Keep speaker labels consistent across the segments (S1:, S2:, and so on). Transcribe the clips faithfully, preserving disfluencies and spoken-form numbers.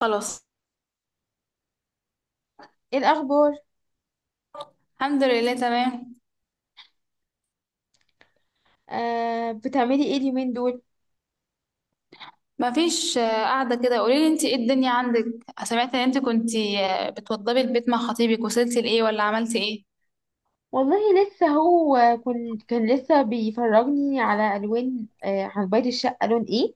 S1: خلاص.
S2: ايه الاخبار؟
S1: الحمد لله، تمام.
S2: آه، بتعملي ايه اليومين دول؟
S1: مفيش آه، قاعدة كده. قوليلي انت ايه الدنيا عندك؟ سمعت ان انت كنت بتوضبي البيت مع خطيبك، وصلتي لايه ولا عملتي ايه؟
S2: والله لسه هو كن كان لسه بيفرجني على الوان آه عن بيت الشقه لون ايه؟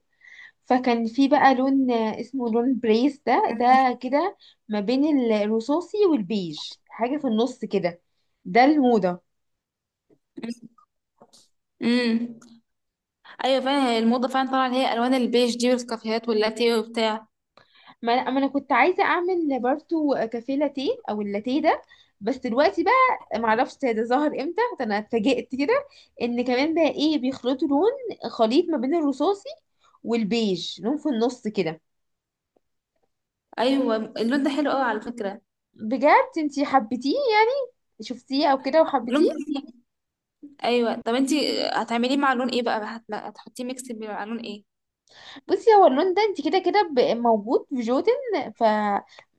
S2: فكان في بقى لون آه اسمه لون بريس ده ده كده، ما بين الرصاصي والبيج، حاجه في النص كده. ده الموضه.
S1: امم. ايوه فعلا، هي الموضة فعلا طالعة، اللي هي الوان البيج دي والكافيهات واللاتيه وبتاع.
S2: ما انا ما أنا كنت عايزه اعمل برضو كافيه لاتيه او اللاتيه ده. بس دلوقتي بقى معرفش ده ظهر امتى، ده انا اتفاجئت كده ان كمان بقى ايه، بيخلطوا لون، خليط ما بين الرصاصي والبيج، لون في النص كده.
S1: ايوه، اللون ده حلو قوي على فكرة.
S2: بجد؟ انتي حبيتيه يعني؟ شفتيه او كده
S1: اللون
S2: وحبيتيه؟
S1: ده جميل. ايوه، طب انت هتعمليه مع لون ايه بقى، هت- هتحطيه ميكس مع لون ايه؟
S2: بصي، هو اللون ده انت كده كده ب- موجود في جوتن، ف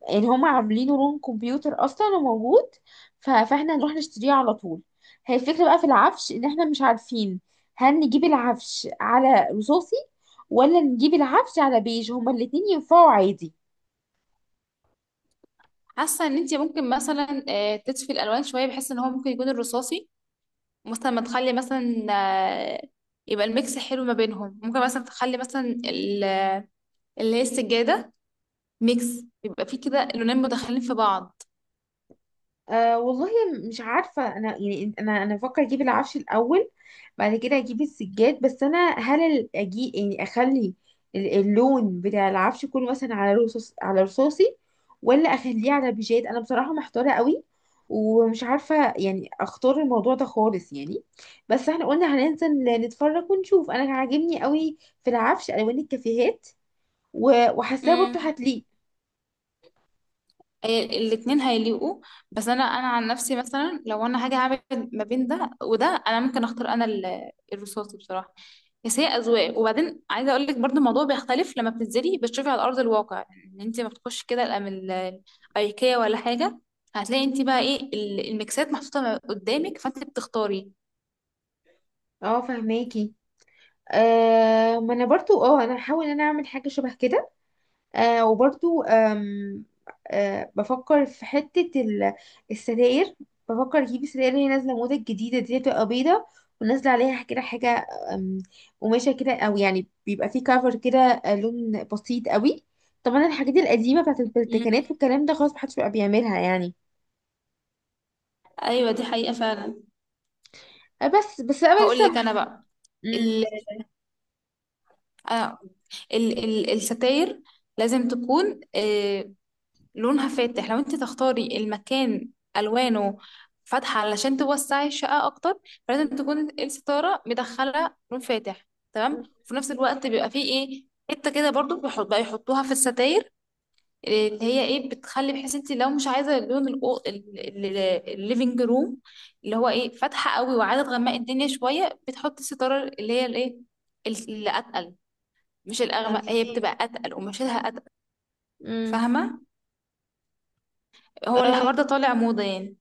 S2: يعني هما عاملينه لون كمبيوتر اصلا وموجود، ف... فاحنا هنروح نشتريه على طول. هي الفكرة بقى في العفش ان احنا مش عارفين هل نجيب العفش على رصاصي، ولا نجيب العفش على بيج؟ هما الاتنين ينفعوا عادي.
S1: حاسة ان انت ممكن مثلا آه، تطفي الالوان شوية، بحيث ان هو ممكن يكون الرصاصي مثلا. ما تخلي مثلا آه، يبقى الميكس حلو ما بينهم. ممكن مثلا تخلي مثلا ال- اللي هي السجادة ميكس، يبقى فيه كده لونين مدخلين في بعض.
S2: أه والله، مش عارفة. أنا يعني أنا أنا بفكر أجيب العفش الأول، بعد كده أجيب السجاد. بس أنا هل ال- أجي يعني أخلي ال- اللون بتاع العفش كله مثلا على رصاص على رصاصي، ولا أخليه على بيجات؟ أنا بصراحة محتارة قوي، ومش عارفة يعني أختار الموضوع ده خالص يعني. بس احنا قلنا هننزل نتفرج ونشوف. أنا عاجبني قوي في العفش ألوان الكافيهات، و- وحاساه برضه هتليق.
S1: آه، الاتنين هيليقوا. بس انا انا عن نفسي مثلا لو انا هاجي اعمل ما بين ده وده، انا ممكن اختار انا ال- الرصاصي بصراحه. بس هي اذواق، وبعدين عايزه اقول لك برضو، الموضوع بيختلف لما بتنزلي بتشوفي على ارض الواقع. ان انت ما بتخش كده الأم- ال- الايكيا ولا حاجه. هتلاقي انت بقى ايه ال- الميكسات محطوطه قدامك، فانت بتختاري.
S2: اه، فهماكي. آه ما انا برضو اه انا هحاول ان انا اعمل حاجه شبه كده. آه وبرضو، آم آه بفكر في حته ال- الستاير. بفكر اجيب الستاير، اللي هي نازله موضه الجديده دي، بتبقى بيضه ونازله عليها كده حاجه، آم، قماشه كده، او يعني بيبقى فيه كفر كده، آه، لون بسيط قوي. طبعا الحاجات القديمه بتاعت
S1: مم.
S2: البلتكنات والكلام ده، خلاص محدش بقى بيعملها يعني.
S1: ايوه دي حقيقه فعلا.
S2: آه بس بس انا
S1: هقول
S2: لسه
S1: لك
S2: مح...
S1: انا بقى
S2: مم.
S1: ال... آه، ال... ال... الستاير لازم تكون آه، لونها فاتح. لو انت تختاري المكان الوانه فاتحه علشان توسعي الشقه اكتر، فلازم تكون الستاره مدخله لون فاتح تمام. وفي نفس الوقت بيبقى فيه ايه، حته كده برضو بيحط بقى يحطوها في الستاير، اللي هي ايه بتخلي، بحيث انت لو مش عايزه لون الليفنج روم اللي هو ايه فاتحه قوي وعايزه تغمقي الدنيا شويه، بتحطي الستاره اللي هي الايه اللي اتقل. مش الاغمق، هي
S2: تمام.
S1: بتبقى اتقل ومشيلها اتقل،
S2: مم.
S1: فاهمه؟ هو
S2: آه،
S1: الحوار ده طالع موضه يعني.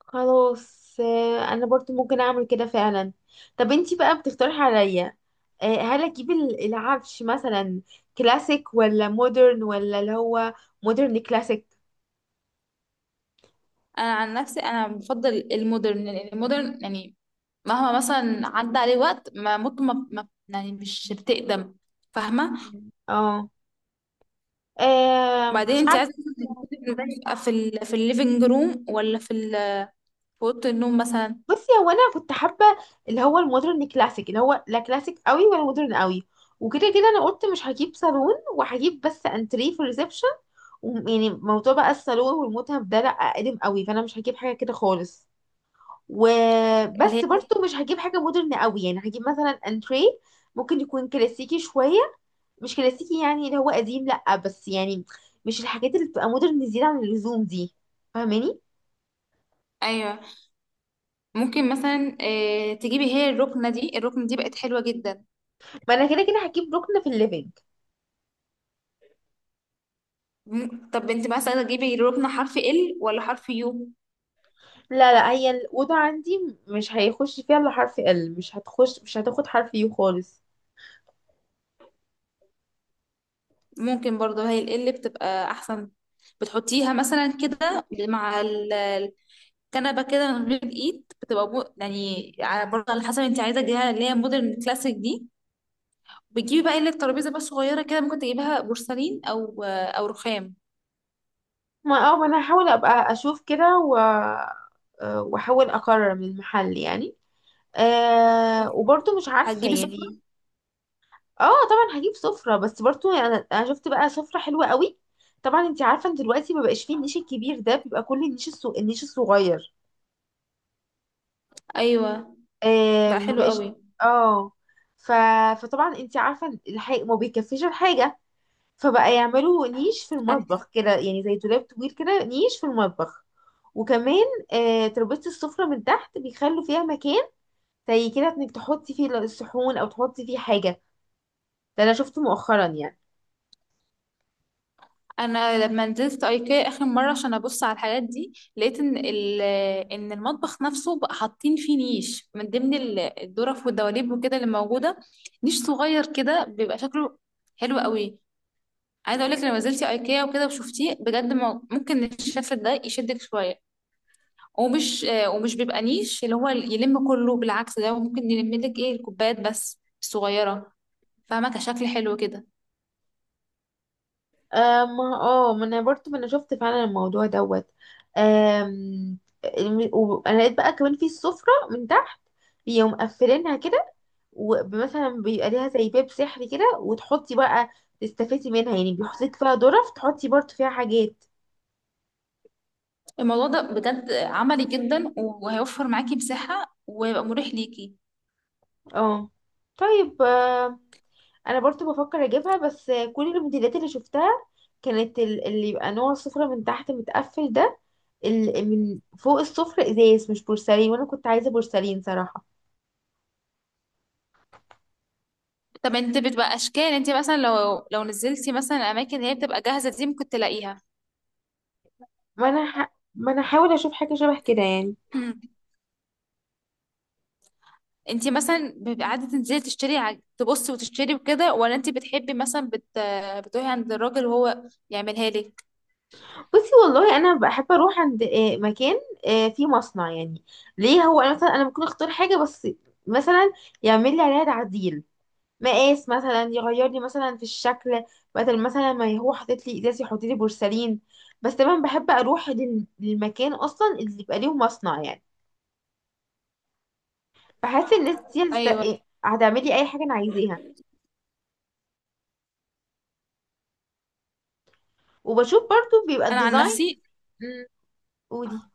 S2: خلاص، آه، انا برضو ممكن اعمل كده فعلا. طب انتي بقى بتقترحي عليا، آه، هل اجيب ال- العفش مثلا كلاسيك ولا مودرن، ولا اللي هو مودرن كلاسيك؟
S1: انا عن نفسي انا بفضل المودرن، لان المودرن يعني مهما مثلا عدى عليه وقت، ما ممكن ما ما- يعني مش بتقدم، فاهمه؟
S2: مم. اه. آه،
S1: وبعدين
S2: مش
S1: انت
S2: عارفه.
S1: عايزه مثلاً تبقى في ال في الليفنج روم، ولا في ال- في اوضه النوم مثلا
S2: بصي، هو انا كنت حابه اللي هو المودرن كلاسيك، اللي هو لا كلاسيك قوي ولا مودرن قوي. وكده كده انا قلت مش هجيب صالون، وهجيب بس انتريه في الريسبشن، يعني موضوع بقى الصالون والمتهم ده لا قديم قوي، فانا مش هجيب حاجه كده خالص.
S1: اللي
S2: وبس
S1: هي
S2: برضو مش هجيب حاجة مودرن قوي، يعني هجيب مثلا انتريه ممكن يكون كلاسيكي شوية، مش كلاسيكي يعني اللي هو قديم، لأ، بس يعني مش الحاجات اللي بتبقى مودرن زيادة عن اللزوم دي. فاهماني؟
S1: ايوه. ممكن مثلا آه، تجيبي هي الركنه دي، الركنه دي بقت حلوه جدا.
S2: ما انا كده كده هجيب ركن في الليفينج.
S1: مم- طب انت مثلا تجيبي الركنه حرف ال ولا حرف يو؟
S2: لا، لا، هي الأوضة عندي مش هيخش فيها الا حرف ال، مش هتخش مش هتاخد حرف يو خالص.
S1: ممكن برضه هي ال L بتبقى احسن. بتحطيها مثلا كده مع كنبه كده من غير ايد بتبقى بو... يعني على برضه على حسب انت عايزه تجيبها، اللي هي مودرن كلاسيك دي. بتجيبي بقى اللي الترابيزه بس صغيره كده، ممكن تجيبها بورسلين او او رخام.
S2: ما اه ما انا هحاول ابقى اشوف كده، و آه، واحاول اقرر من المحل يعني. أه وبرضه مش عارفة
S1: هتجيبي سفرة؟
S2: يعني. اه طبعا هجيب سفرة، بس برضو يعني انا انا شفت بقى سفرة حلوة قوي. طبعا انت عارفة ان دلوقتي ما بقاش فيه النيش الكبير ده، بيبقى كل النيش الصو... النيش الصغير.
S1: ايوه
S2: آه
S1: بقى
S2: ما
S1: حلو
S2: بقاش.
S1: قوي.
S2: اه. ف... فطبعا انت عارفة الحي... ما بيكفيش الحاجة، فبقى يعملوا نيش في
S1: انا
S2: المطبخ كده، يعني زي دولاب طويل كده، نيش في المطبخ. وكمان، آه تربيزة السفرة من تحت بيخلوا فيها مكان، زي كده انك تحطي فيه الصحون او تحطي فيه حاجة. ده انا شفته مؤخرا يعني.
S1: أنا لما نزلت ايكيا اخر مره عشان ابص على الحاجات دي، لقيت ان ال... ان المطبخ نفسه بقى حاطين فيه نيش من ضمن ال- الدرف والدواليب وكده اللي موجوده. نيش صغير كده بيبقى شكله حلو قوي. عايزه اقول لك، لو نزلتي ايكيا وكده وشفتيه بجد، ما- ممكن الشفت ده يشدك شويه. ومش آه، ومش بيبقى نيش اللي هو يلم كله، بالعكس ده ممكن يلم لك ايه الكوبايات بس الصغيره، فاهمه؟ كشكل حلو كده.
S2: آه ما اه ما انا برضه ما انا شفت فعلا الموضوع دوت. آم، الم- و- انا لقيت بقى كمان في السفرة من تحت، بيقوم مقفلينها كده، ومثلا بيبقى ليها زي باب سحري كده، وتحطي بقى، تستفيدي منها يعني، بيحطيك فيها ظرف تحطي برضه فيها حاجات.
S1: الموضوع ده بجد عملي جدا، وهيوفر معاكي مساحه، ويبقى مريح ليكي.
S2: اه، طيب. آه انا برضه بفكر اجيبها، بس كل الموديلات اللي شفتها كانت ال- اللي يبقى نوع السفرة من تحت متقفل ده، ال- من فوق السفرة ازاز، مش بورسلين، وانا كنت عايزة بورسلين صراحة.
S1: طب انت بتبقى اشكال، انت مثلا لو لو نزلتي مثلا اماكن هي بتبقى جاهزه دي ممكن تلاقيها.
S2: ما انا ح... ما انا هحاول اشوف حاجه شبه كده يعني.
S1: انتي مثلا بيبقى قاعده تنزلي تشتري ع- تبصي وتشتري وكده، ولا انتي بتحبي مثلا بت... بتروحي عند الراجل وهو يعملها لك؟
S2: بصي، والله انا بحب اروح عند آه، مكان، آه، فيه مصنع يعني. ليه؟ هو انا مثلا انا ممكن اختار حاجه، بس مثلا يعمل لي عليها تعديل، مقاس مثلا، يغير لي مثلا في الشكل، بدل مثلا ما هو حاطط لي ازاز يحط لي بورسلين. بس طبعا بحب اروح لل- للمكان اصلا اللي يبقى ليه مصنع، يعني فحاسس الناس دي هتست-
S1: ايوه
S2: إيه، هتعمل لي اي حاجه انا عايزاها. وبشوف برضو بيبقى
S1: انا عن
S2: الديزاين.
S1: نفسي
S2: مم، قولي.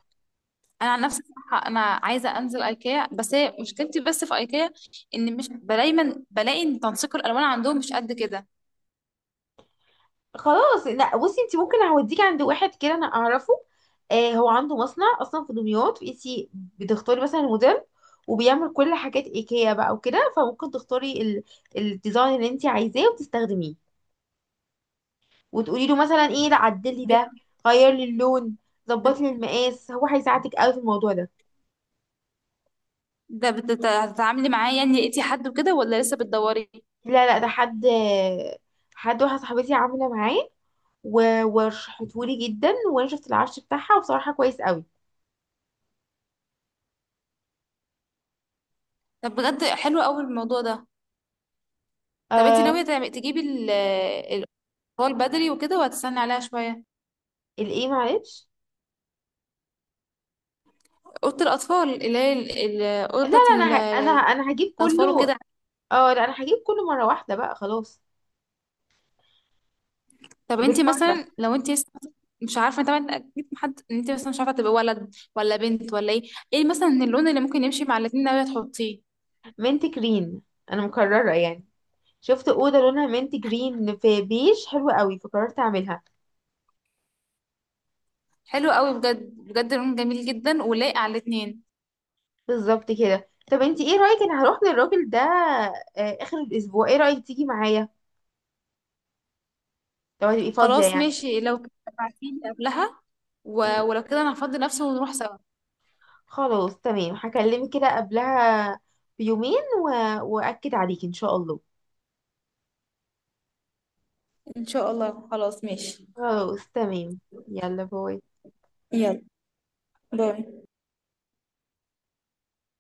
S1: انا عن نفسي صراحة انا عايزه انزل ايكيا. بس هي مشكلتي بس في ايكيا، ان مش دايما بلاقي ان تنسيق الالوان عندهم مش قد كده.
S2: خلاص، لا، بصي، انت ممكن اوديكي عند واحد كده انا اعرفه. آه هو عنده مصنع اصلا في دمياط. انت بتختاري مثلا الموديل، وبيعمل كل حاجات ايكيا بقى وكده، فممكن تختاري ال... الديزاين اللي انت عايزاه وتستخدميه، وتقولي له مثلا ايه، لا عدلي ده،
S1: بت-
S2: غير لي اللون، ظبط لي المقاس. هو هيساعدك قوي في الموضوع ده.
S1: ده بتت- هتتعاملي معاه يعني، لقيتي حد وكده ولا لسه بتدوري؟
S2: لا، لا، ده حد حد واحده صاحبتي عامله معاه، و- ورشحتهولي جدا، وانا شفت العفش بتاعها وبصراحه كويس قوي.
S1: طب بجد حلو قوي الموضوع ده. طب انتي
S2: آه
S1: ناويه تعم- تجيبي ال- الاطفال بدري وكده، وهتستني عليها شويه؟
S2: الايه؟ معلش.
S1: اوضه الاطفال اللي هي ال- ال- الاوضه
S2: لا، لا،
S1: بتاعت
S2: انا ه... انا
S1: ال-
S2: انا هجيب
S1: الاطفال
S2: كله.
S1: وكده.
S2: اه لا، انا هجيب كله مره واحده بقى خلاص.
S1: طب انت
S2: بالمره.
S1: مثلا لو انت لسه مش عارفه طبعا، اكيد محد ان انت مثلا مش عارفه تبقى ولد ولا بنت ولا ايه. ايه مثلا اللون اللي ممكن يمشي مع الاتنين ناويه تحطيه؟
S2: منت جرين. انا مكرره يعني، شفت اوضه لونها منت جرين في بيج حلوه قوي، فقررت اعملها.
S1: حلو قوي، بجد بجد لون جميل جدا ولايق على الاتنين.
S2: بالظبط كده. طب انت ايه رايك، انا هروح للراجل ده آه، اخر الاسبوع، ايه رايك تيجي معايا، لو هتبقي فاضيه
S1: خلاص
S2: يعني؟
S1: ماشي، لو كده ابعتيلي قبلها، و...
S2: مم.
S1: ولو كده انا هفضي نفسي ونروح سوا.
S2: خلاص تمام، هكلمك كده قبلها بيومين و... واكد عليك ان شاء الله.
S1: ان شاء الله خلاص ماشي.
S2: خلاص تمام. يلا، باي.
S1: يلا باي.